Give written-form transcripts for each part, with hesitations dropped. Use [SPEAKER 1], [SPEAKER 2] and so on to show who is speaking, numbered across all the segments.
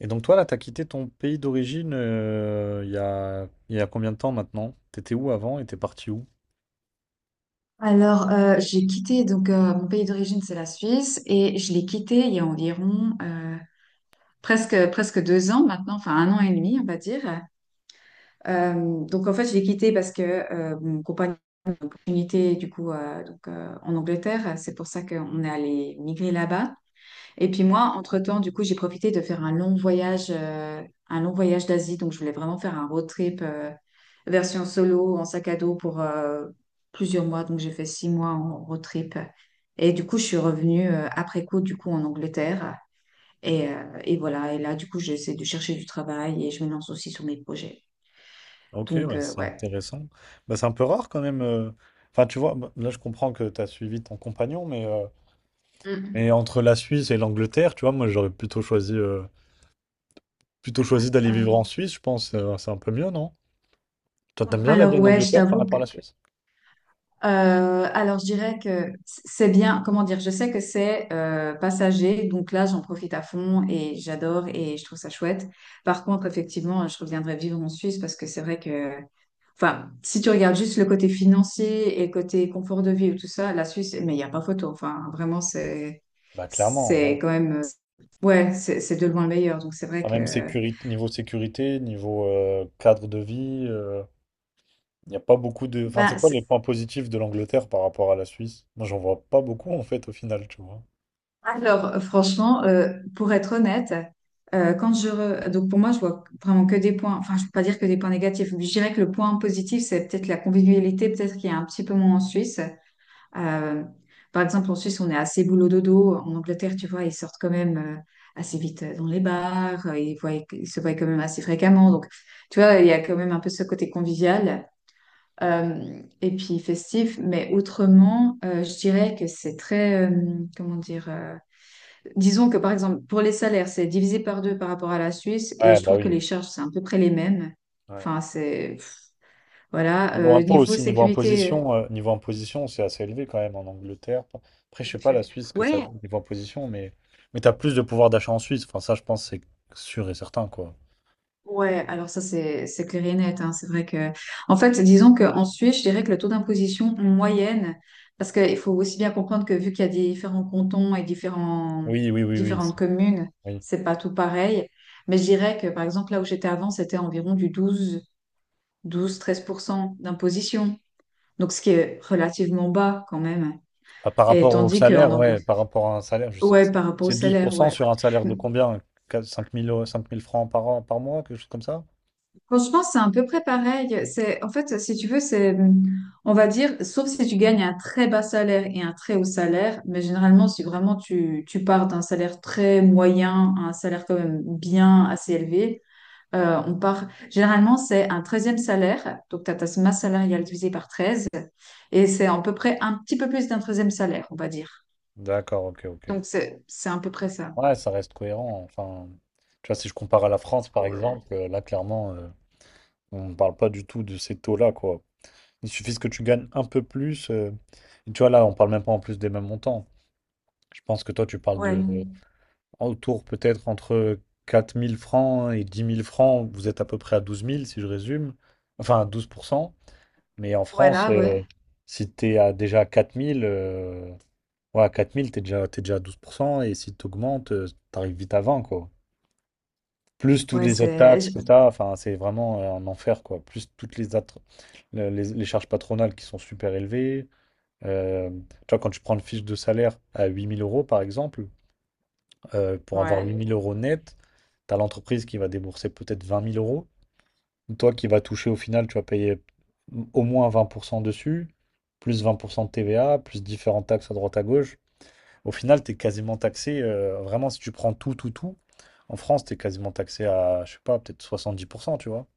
[SPEAKER 1] Et donc toi, là, t'as quitté ton pays d'origine il y a combien de temps maintenant? T'étais où avant et t'es parti où?
[SPEAKER 2] Alors, j'ai quitté, donc mon pays d'origine, c'est la Suisse, et je l'ai quitté il y a environ presque 2 ans maintenant, enfin un an et demi, on va dire. Donc, en fait, je l'ai quitté parce que mon compagnon a une opportunité, du coup, donc, en Angleterre, c'est pour ça qu'on est allé migrer là-bas. Et puis moi, entre-temps, du coup, j'ai profité de faire un long voyage, d'Asie. Donc, je voulais vraiment faire un road trip version solo, en sac à dos pour plusieurs mois. Donc, j'ai fait 6 mois en road trip. Et du coup, je suis revenue après coup, du coup, en Angleterre. Et voilà. Et là, du coup, j'essaie de chercher du travail et je me lance aussi sur mes projets.
[SPEAKER 1] Ok,
[SPEAKER 2] Donc,
[SPEAKER 1] bah, c'est
[SPEAKER 2] ouais.
[SPEAKER 1] intéressant. Bah, c'est un peu rare quand même. Enfin, tu vois, bah, là, je comprends que t'as suivi ton compagnon, mais
[SPEAKER 2] Mm.
[SPEAKER 1] entre la Suisse et l'Angleterre, tu vois, moi, j'aurais plutôt choisi d'aller vivre en
[SPEAKER 2] Ah,
[SPEAKER 1] Suisse, je pense. C'est un peu mieux, non? Toi, t'aimes bien la vie
[SPEAKER 2] alors,
[SPEAKER 1] en
[SPEAKER 2] ouais, je
[SPEAKER 1] Angleterre par
[SPEAKER 2] t'avoue que,
[SPEAKER 1] rapport à la Suisse?
[SPEAKER 2] Alors, je dirais que c'est bien, comment dire, je sais que c'est passager, donc là, j'en profite à fond et j'adore et je trouve ça chouette. Par contre, effectivement, je reviendrai vivre en Suisse parce que c'est vrai que, enfin, si tu regardes juste le côté financier et le côté confort de vie ou tout ça, la Suisse, mais il n'y a pas photo. Enfin, vraiment, c'est,
[SPEAKER 1] Bah clairement,
[SPEAKER 2] c'est
[SPEAKER 1] ouais.
[SPEAKER 2] quand même, ouais, c'est de loin le meilleur. Donc, c'est vrai
[SPEAKER 1] Enfin,
[SPEAKER 2] que,
[SPEAKER 1] même sécurité, niveau cadre de vie, il n'y a pas beaucoup de. Enfin,
[SPEAKER 2] ben,
[SPEAKER 1] c'est quoi les points positifs de l'Angleterre par rapport à la Suisse? Moi, j'en vois pas beaucoup en fait au final, tu vois.
[SPEAKER 2] alors, franchement, pour être honnête, donc pour moi, je vois vraiment que des points. Enfin, je peux pas dire que des points négatifs. Je dirais que le point positif, c'est peut-être la convivialité, peut-être qu'il y a un petit peu moins en Suisse. Euh, par exemple, en Suisse, on est assez boulot dodo. En Angleterre, tu vois, ils sortent quand même assez vite dans les bars. Ils se voient quand même assez fréquemment. Donc, tu vois, il y a quand même un peu ce côté convivial euh, et puis festif. Mais autrement, je dirais que c'est très, comment dire. Disons que par exemple, pour les salaires, c'est divisé par deux par rapport à la Suisse et
[SPEAKER 1] Ouais,
[SPEAKER 2] je
[SPEAKER 1] bah
[SPEAKER 2] trouve que
[SPEAKER 1] oui.
[SPEAKER 2] les charges, c'est à peu près les mêmes.
[SPEAKER 1] Ouais.
[SPEAKER 2] Enfin, c'est... Voilà.
[SPEAKER 1] Niveau impôt
[SPEAKER 2] Niveau
[SPEAKER 1] aussi,
[SPEAKER 2] sécurité...
[SPEAKER 1] niveau imposition, c'est assez élevé quand même en Angleterre. Après, je sais pas
[SPEAKER 2] euh,
[SPEAKER 1] la Suisse ce que ça
[SPEAKER 2] Ouais,
[SPEAKER 1] donne niveau imposition, mais t'as plus de pouvoir d'achat en Suisse. Enfin, ça, je pense, c'est sûr et certain, quoi.
[SPEAKER 2] ouais, alors ça, c'est clair et net. Hein. C'est vrai que... En fait, disons qu'en Suisse, je dirais que le taux d'imposition moyenne, parce qu'il faut aussi bien comprendre que vu qu'il y a différents cantons et différents...
[SPEAKER 1] Oui, oui, oui, oui.
[SPEAKER 2] différentes communes,
[SPEAKER 1] Oui.
[SPEAKER 2] c'est pas tout pareil. Mais je dirais que par exemple, là où j'étais avant, c'était environ du douze treize pour cent d'imposition. Donc, ce qui est relativement bas quand même.
[SPEAKER 1] Ah, par
[SPEAKER 2] Et
[SPEAKER 1] rapport au
[SPEAKER 2] tandis qu'en
[SPEAKER 1] salaire,
[SPEAKER 2] anglais,
[SPEAKER 1] ouais, par rapport à un salaire,
[SPEAKER 2] ouais, par rapport au
[SPEAKER 1] c'est douze pour
[SPEAKER 2] salaire,
[SPEAKER 1] cent
[SPEAKER 2] ouais.
[SPEAKER 1] sur un salaire de combien? 5 000 francs par an, par mois, quelque chose comme ça?
[SPEAKER 2] Franchement, c'est à peu près pareil. C'est, en fait, si tu veux, c'est, on va dire, sauf si tu gagnes un très bas salaire et un très haut salaire, mais généralement, si vraiment tu pars d'un salaire très moyen à un salaire quand même bien assez élevé, on part, généralement, c'est un treizième salaire, donc tu as ta masse salariale divisée par 13, et c'est à peu près un petit peu plus d'un treizième salaire, on va dire.
[SPEAKER 1] D'accord, ok, ok.
[SPEAKER 2] Donc, c'est à peu près ça.
[SPEAKER 1] Ouais, ça reste cohérent. Enfin, tu vois, si je compare à la France, par
[SPEAKER 2] Ouais.
[SPEAKER 1] exemple, là, clairement, on ne parle pas du tout de ces taux-là, quoi. Il suffit que tu gagnes un peu plus. Et tu vois, là, on parle même pas en plus des mêmes montants. Je pense que toi, tu parles
[SPEAKER 2] Ouais.
[SPEAKER 1] de autour peut-être entre 4 000 francs et 10 000 francs. Vous êtes à peu près à 12 000, si je résume. Enfin, à 12%. Mais en France,
[SPEAKER 2] Voilà, ouais.
[SPEAKER 1] si tu es à, déjà à 4 000, ouais, à 4 000, t'es déjà à 12%. Et si tu augmentes, tu arrives vite à 20, quoi. Plus toutes
[SPEAKER 2] Ouais,
[SPEAKER 1] les autres
[SPEAKER 2] c'est...
[SPEAKER 1] taxes que tu as, enfin, c'est vraiment un enfer, quoi. Plus toutes les, autres- le- les charges patronales qui sont super élevées. Euh, Tu vois, quand tu prends le fiche de salaire à 8000 euros, par exemple, pour avoir
[SPEAKER 2] Ouais.
[SPEAKER 1] 8 000 € net, tu as l'entreprise qui va débourser peut-être 20 000 euros. Toi qui vas toucher au final, tu vas payer au moins 20% dessus, plus 20% de TVA, plus différentes taxes à droite à gauche. Au final, tu es quasiment taxé, vraiment, si tu prends tout, tout, tout, en France, tu es quasiment taxé à, je sais pas, peut-être 70%, tu vois.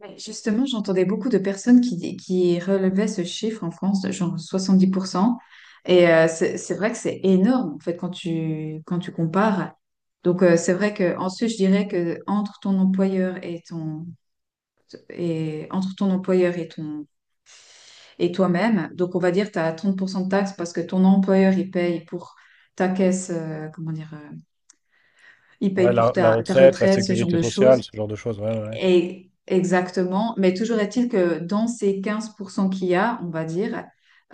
[SPEAKER 2] Mais justement, j'entendais beaucoup de personnes qui relevaient ce chiffre en France, de genre 70 %. Et c'est vrai que c'est énorme, en fait, quand tu compares. Donc, c'est vrai que ensuite, je dirais que entre ton employeur et ton... Et entre ton employeur et ton... et toi-même, donc on va dire que tu as 30 % de taxes parce que ton employeur, il paye pour ta caisse, comment dire, il
[SPEAKER 1] Ouais,
[SPEAKER 2] paye
[SPEAKER 1] la,
[SPEAKER 2] pour
[SPEAKER 1] la
[SPEAKER 2] ta
[SPEAKER 1] retraite, la
[SPEAKER 2] retraite, ce genre
[SPEAKER 1] sécurité
[SPEAKER 2] de
[SPEAKER 1] sociale,
[SPEAKER 2] choses.
[SPEAKER 1] ce genre de choses, ouais, ouais. Ouais.
[SPEAKER 2] Et exactement, mais toujours est-il que dans ces 15 % qu'il y a, on va dire,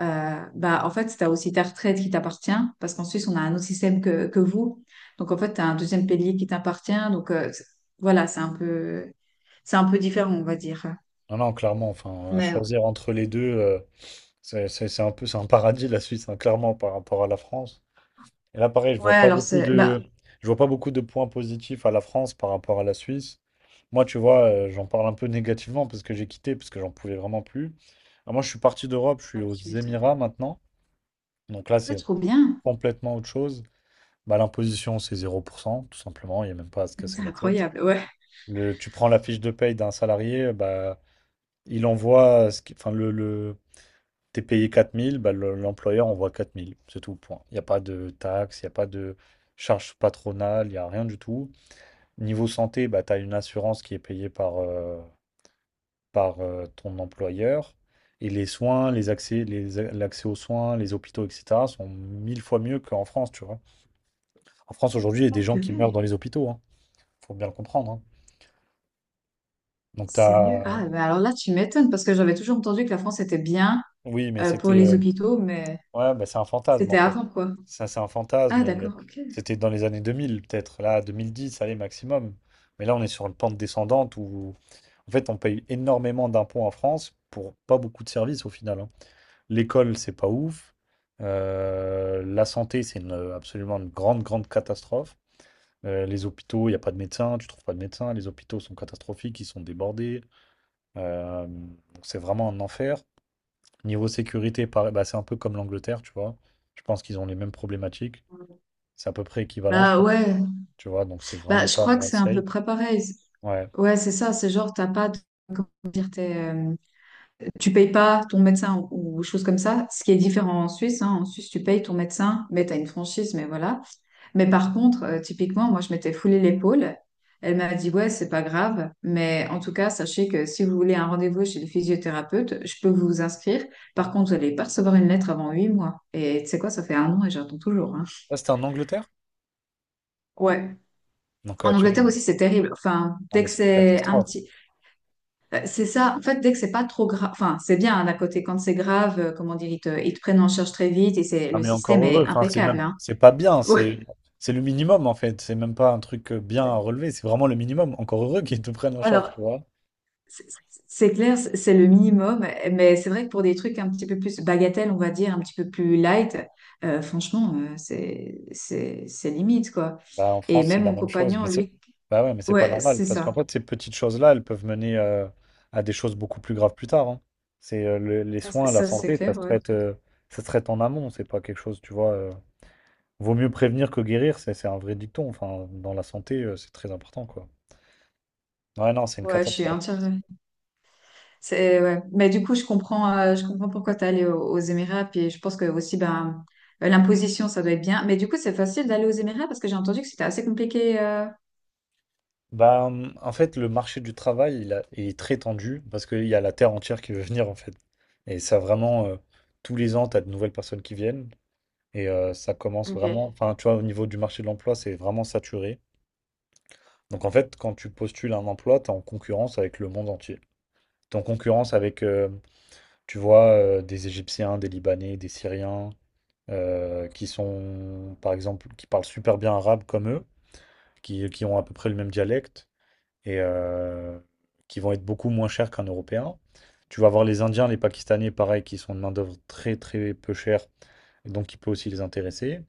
[SPEAKER 2] bah, en fait, tu as aussi ta retraite qui t'appartient, parce qu'en Suisse, on a un autre système que vous. Donc, en fait, tu as un deuxième pilier qui t'appartient. Donc, voilà, c'est un peu différent, on va dire.
[SPEAKER 1] Non, non, clairement, enfin, à
[SPEAKER 2] Mais
[SPEAKER 1] choisir entre les deux. C'est un paradis la Suisse, hein, clairement, par rapport à la France. Et là, pareil, je
[SPEAKER 2] ouais,
[SPEAKER 1] vois pas
[SPEAKER 2] alors
[SPEAKER 1] beaucoup
[SPEAKER 2] c'est... Bah,
[SPEAKER 1] de, je vois pas beaucoup de points positifs à la France par rapport à la Suisse. Moi, tu vois, j'en parle un peu négativement parce que j'ai quitté, parce que j'en pouvais vraiment plus. Alors moi, je suis parti d'Europe, je suis
[SPEAKER 2] ah,
[SPEAKER 1] aux
[SPEAKER 2] tu m'étonnes.
[SPEAKER 1] Émirats maintenant. Donc là,
[SPEAKER 2] Ouais,
[SPEAKER 1] c'est
[SPEAKER 2] trop bien.
[SPEAKER 1] complètement autre chose. Bah, l'imposition, c'est 0% tout simplement. Il n'y a même pas à se
[SPEAKER 2] C'est
[SPEAKER 1] casser la tête.
[SPEAKER 2] incroyable, ouais.
[SPEAKER 1] Tu prends la fiche de paye d'un salarié, bah, il envoie, ce qui- enfin, le- T'es payé 4 000, bah, l'employeur envoie 4 000, c'est tout, point. Il n'y a pas de taxes, il n'y a pas de charges patronales, il n'y a rien du tout. Niveau santé, bah, tu as une assurance qui est payée par ton employeur. Et les soins, les accès, l'accès aux soins, les hôpitaux, etc., sont mille fois mieux qu'en France, tu vois. En France, aujourd'hui, il y a des
[SPEAKER 2] Oh,
[SPEAKER 1] gens qui meurent
[SPEAKER 2] purée.
[SPEAKER 1] dans les hôpitaux, hein. Faut bien le comprendre, hein. Donc,
[SPEAKER 2] Sérieux?
[SPEAKER 1] t'as.
[SPEAKER 2] Ah, bah alors là, tu m'étonnes, parce que j'avais toujours entendu que la France était bien
[SPEAKER 1] Oui, mais
[SPEAKER 2] pour
[SPEAKER 1] c'était.
[SPEAKER 2] les hôpitaux, mais
[SPEAKER 1] Ouais, bah, c'est un fantasme en
[SPEAKER 2] c'était
[SPEAKER 1] fait.
[SPEAKER 2] avant, quoi.
[SPEAKER 1] Ça, c'est un fantasme.
[SPEAKER 2] Ah,
[SPEAKER 1] Et
[SPEAKER 2] d'accord, ok.
[SPEAKER 1] c'était dans les années 2000 peut-être. Là, 2010, allez, maximum. Mais là, on est sur une pente descendante où, en fait, on paye énormément d'impôts en France pour pas beaucoup de services au final. Hein. L'école, c'est pas ouf. La santé, c'est absolument une grande, grande catastrophe. Les hôpitaux, il n'y a pas de médecin, tu trouves pas de médecin. Les hôpitaux sont catastrophiques, ils sont débordés. Donc, c'est vraiment un enfer. Niveau sécurité, pareil, bah, c'est un peu comme l'Angleterre, tu vois. Je pense qu'ils ont les mêmes problématiques. C'est à peu près équivalent, je
[SPEAKER 2] Bah
[SPEAKER 1] pense.
[SPEAKER 2] ouais,
[SPEAKER 1] Tu vois, donc c'est
[SPEAKER 2] bah,
[SPEAKER 1] vraiment
[SPEAKER 2] je
[SPEAKER 1] pas
[SPEAKER 2] crois que c'est à peu
[SPEAKER 1] safe.
[SPEAKER 2] près pareil.
[SPEAKER 1] Ouais.
[SPEAKER 2] Ouais, c'est ça, c'est genre, t'as pas de- comment dire, t'es, tu payes pas ton médecin ou choses comme ça, ce qui est différent en Suisse. Hein. En Suisse, tu payes ton médecin, mais tu as une franchise, mais voilà. Mais par contre, typiquement, moi, je m'étais foulé l'épaule. Elle m'a dit, ouais, c'est pas grave, mais en tout cas, sachez que si vous voulez un rendez-vous chez le physiothérapeute, je peux vous inscrire. Par contre, vous allez pas recevoir une lettre avant 8 mois. Et tu sais quoi, ça fait un an et j'attends toujours. Hein.
[SPEAKER 1] Ça, c'était en Angleterre?
[SPEAKER 2] Ouais.
[SPEAKER 1] Donc, ouais,
[SPEAKER 2] En
[SPEAKER 1] tu vois.
[SPEAKER 2] Angleterre aussi, c'est terrible. Enfin,
[SPEAKER 1] Non,
[SPEAKER 2] dès
[SPEAKER 1] mais
[SPEAKER 2] que
[SPEAKER 1] c'est une
[SPEAKER 2] c'est un
[SPEAKER 1] catastrophe.
[SPEAKER 2] petit, c'est ça. En fait, dès que c'est pas trop grave, enfin, c'est bien hein, d'un côté. Quand c'est grave, comment dire, ils te prennent en charge très vite et c'est
[SPEAKER 1] Non,
[SPEAKER 2] le
[SPEAKER 1] mais encore
[SPEAKER 2] système
[SPEAKER 1] heureux.
[SPEAKER 2] est
[SPEAKER 1] Enfin, c'est
[SPEAKER 2] impeccable.
[SPEAKER 1] même,
[SPEAKER 2] Hein.
[SPEAKER 1] c'est pas bien.
[SPEAKER 2] Ouais.
[SPEAKER 1] C'est le minimum, en fait. C'est même pas un truc bien à relever. C'est vraiment le minimum. Encore heureux qu'ils te prennent en charge, tu vois.
[SPEAKER 2] C'est c'est clair, c'est le minimum. Mais c'est vrai que pour des trucs un petit peu plus bagatelles, on va dire, un petit peu plus light, franchement, c'est limite quoi.
[SPEAKER 1] Bah, en
[SPEAKER 2] Et
[SPEAKER 1] France, c'est
[SPEAKER 2] même
[SPEAKER 1] la
[SPEAKER 2] mon
[SPEAKER 1] même chose.
[SPEAKER 2] compagnon,
[SPEAKER 1] Mais c'est
[SPEAKER 2] lui,
[SPEAKER 1] bah ouais, mais c'est pas
[SPEAKER 2] ouais,
[SPEAKER 1] normal.
[SPEAKER 2] c'est
[SPEAKER 1] Parce qu'en
[SPEAKER 2] ça.
[SPEAKER 1] fait, ces petites choses-là, elles peuvent mener à des choses beaucoup plus graves plus tard. Hein. Les soins, la
[SPEAKER 2] Ça, c'est
[SPEAKER 1] santé, ça
[SPEAKER 2] clair.
[SPEAKER 1] se
[SPEAKER 2] Ouais,
[SPEAKER 1] traite, euh, ça se traite en amont. C'est pas quelque chose, tu vois. Vaut mieux prévenir que guérir, c'est un vrai dicton. Enfin, dans la santé, c'est très important, quoi. Ouais, non, c'est une
[SPEAKER 2] ouais, je suis
[SPEAKER 1] catastrophe.
[SPEAKER 2] entière. C'est, ouais. Mais du coup, je comprends pourquoi tu es allé aux Émirats. Puis je pense que aussi, ben, l'imposition, ça doit être bien. Mais du coup, c'est facile d'aller aux Émirats parce que j'ai entendu que c'était assez compliqué.
[SPEAKER 1] Bah, en fait, le marché du travail, il est très tendu parce qu'il y a la terre entière qui veut venir, en fait. Et ça, vraiment, tous les ans, tu as de nouvelles personnes qui viennent. Et ça commence
[SPEAKER 2] Ok,
[SPEAKER 1] vraiment, enfin, tu vois, au niveau du marché de l'emploi, c'est vraiment saturé. Donc en fait, quand tu postules un emploi, tu es en concurrence avec le monde entier. Tu es en concurrence avec, tu vois, des Égyptiens, des Libanais, des Syriens, qui sont, par exemple, qui parlent super bien arabe comme eux, qui ont à peu près le même dialecte et qui vont être beaucoup moins chers qu'un Européen. Tu vas avoir les Indiens, les Pakistanais, pareil, qui sont de main-d'œuvre très très peu chère donc qui peut aussi les intéresser.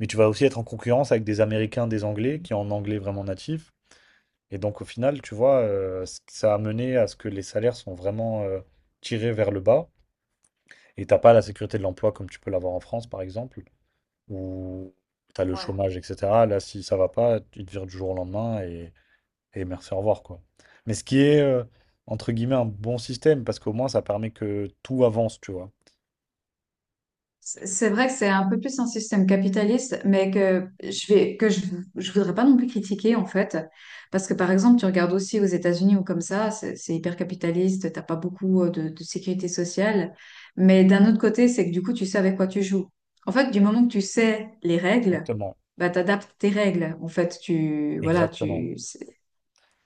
[SPEAKER 1] Mais tu vas aussi être en concurrence avec des Américains, des Anglais, qui ont un anglais vraiment natif. Et donc au final, tu vois, ça a mené à ce que les salaires sont vraiment tirés vers le bas. Et t'as pas la sécurité de l'emploi comme tu peux l'avoir en France, par exemple, où tu as le
[SPEAKER 2] ouais.
[SPEAKER 1] chômage, etc. Là, si ça va pas, tu te vires du jour au lendemain et merci, au revoir, quoi. Mais ce qui est, entre guillemets, un bon système, parce qu'au moins, ça permet que tout avance, tu vois.
[SPEAKER 2] C'est vrai que c'est un peu plus un système capitaliste, mais que je voudrais pas non plus critiquer, en fait. Parce que, par exemple, tu regardes aussi aux États-Unis ou comme ça, c'est hyper capitaliste, t'as pas beaucoup de sécurité sociale. Mais d'un autre côté, c'est que du coup, tu sais avec quoi tu joues. En fait, du moment que tu sais les règles,
[SPEAKER 1] Exactement.
[SPEAKER 2] bah, t'adaptes tes règles. En fait, voilà,
[SPEAKER 1] Exactement.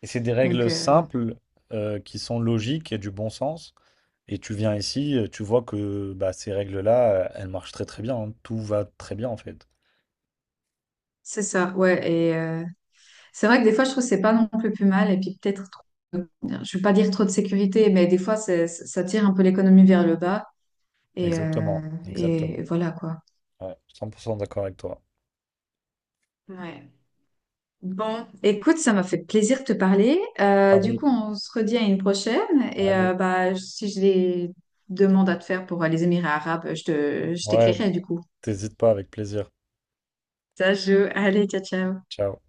[SPEAKER 1] Et c'est des
[SPEAKER 2] donc,
[SPEAKER 1] règles simples qui sont logiques et du bon sens. Et tu viens ici, tu vois que bah, ces règles-là, elles marchent très très bien. Hein. Tout va très bien en fait.
[SPEAKER 2] c'est ça, ouais, c'est vrai que des fois, je trouve que c'est pas non plus plus mal. Et puis peut-être, je ne veux pas dire trop de sécurité, mais des fois, ça tire un peu l'économie vers le bas. Et, euh,
[SPEAKER 1] Exactement,
[SPEAKER 2] et
[SPEAKER 1] exactement.
[SPEAKER 2] voilà quoi.
[SPEAKER 1] Ouais, 100% d'accord avec toi.
[SPEAKER 2] Ouais. Bon, écoute, ça m'a fait plaisir de te parler.
[SPEAKER 1] Ah
[SPEAKER 2] Du
[SPEAKER 1] oui.
[SPEAKER 2] coup, on se redit à une prochaine. Et
[SPEAKER 1] Allez.
[SPEAKER 2] bah, si j'ai des demandes à te faire pour les Émirats arabes, je
[SPEAKER 1] Ouais,
[SPEAKER 2] t'écrirai du coup.
[SPEAKER 1] t'hésites pas avec plaisir.
[SPEAKER 2] Ça joue. Allez, ciao, ciao.
[SPEAKER 1] Ciao.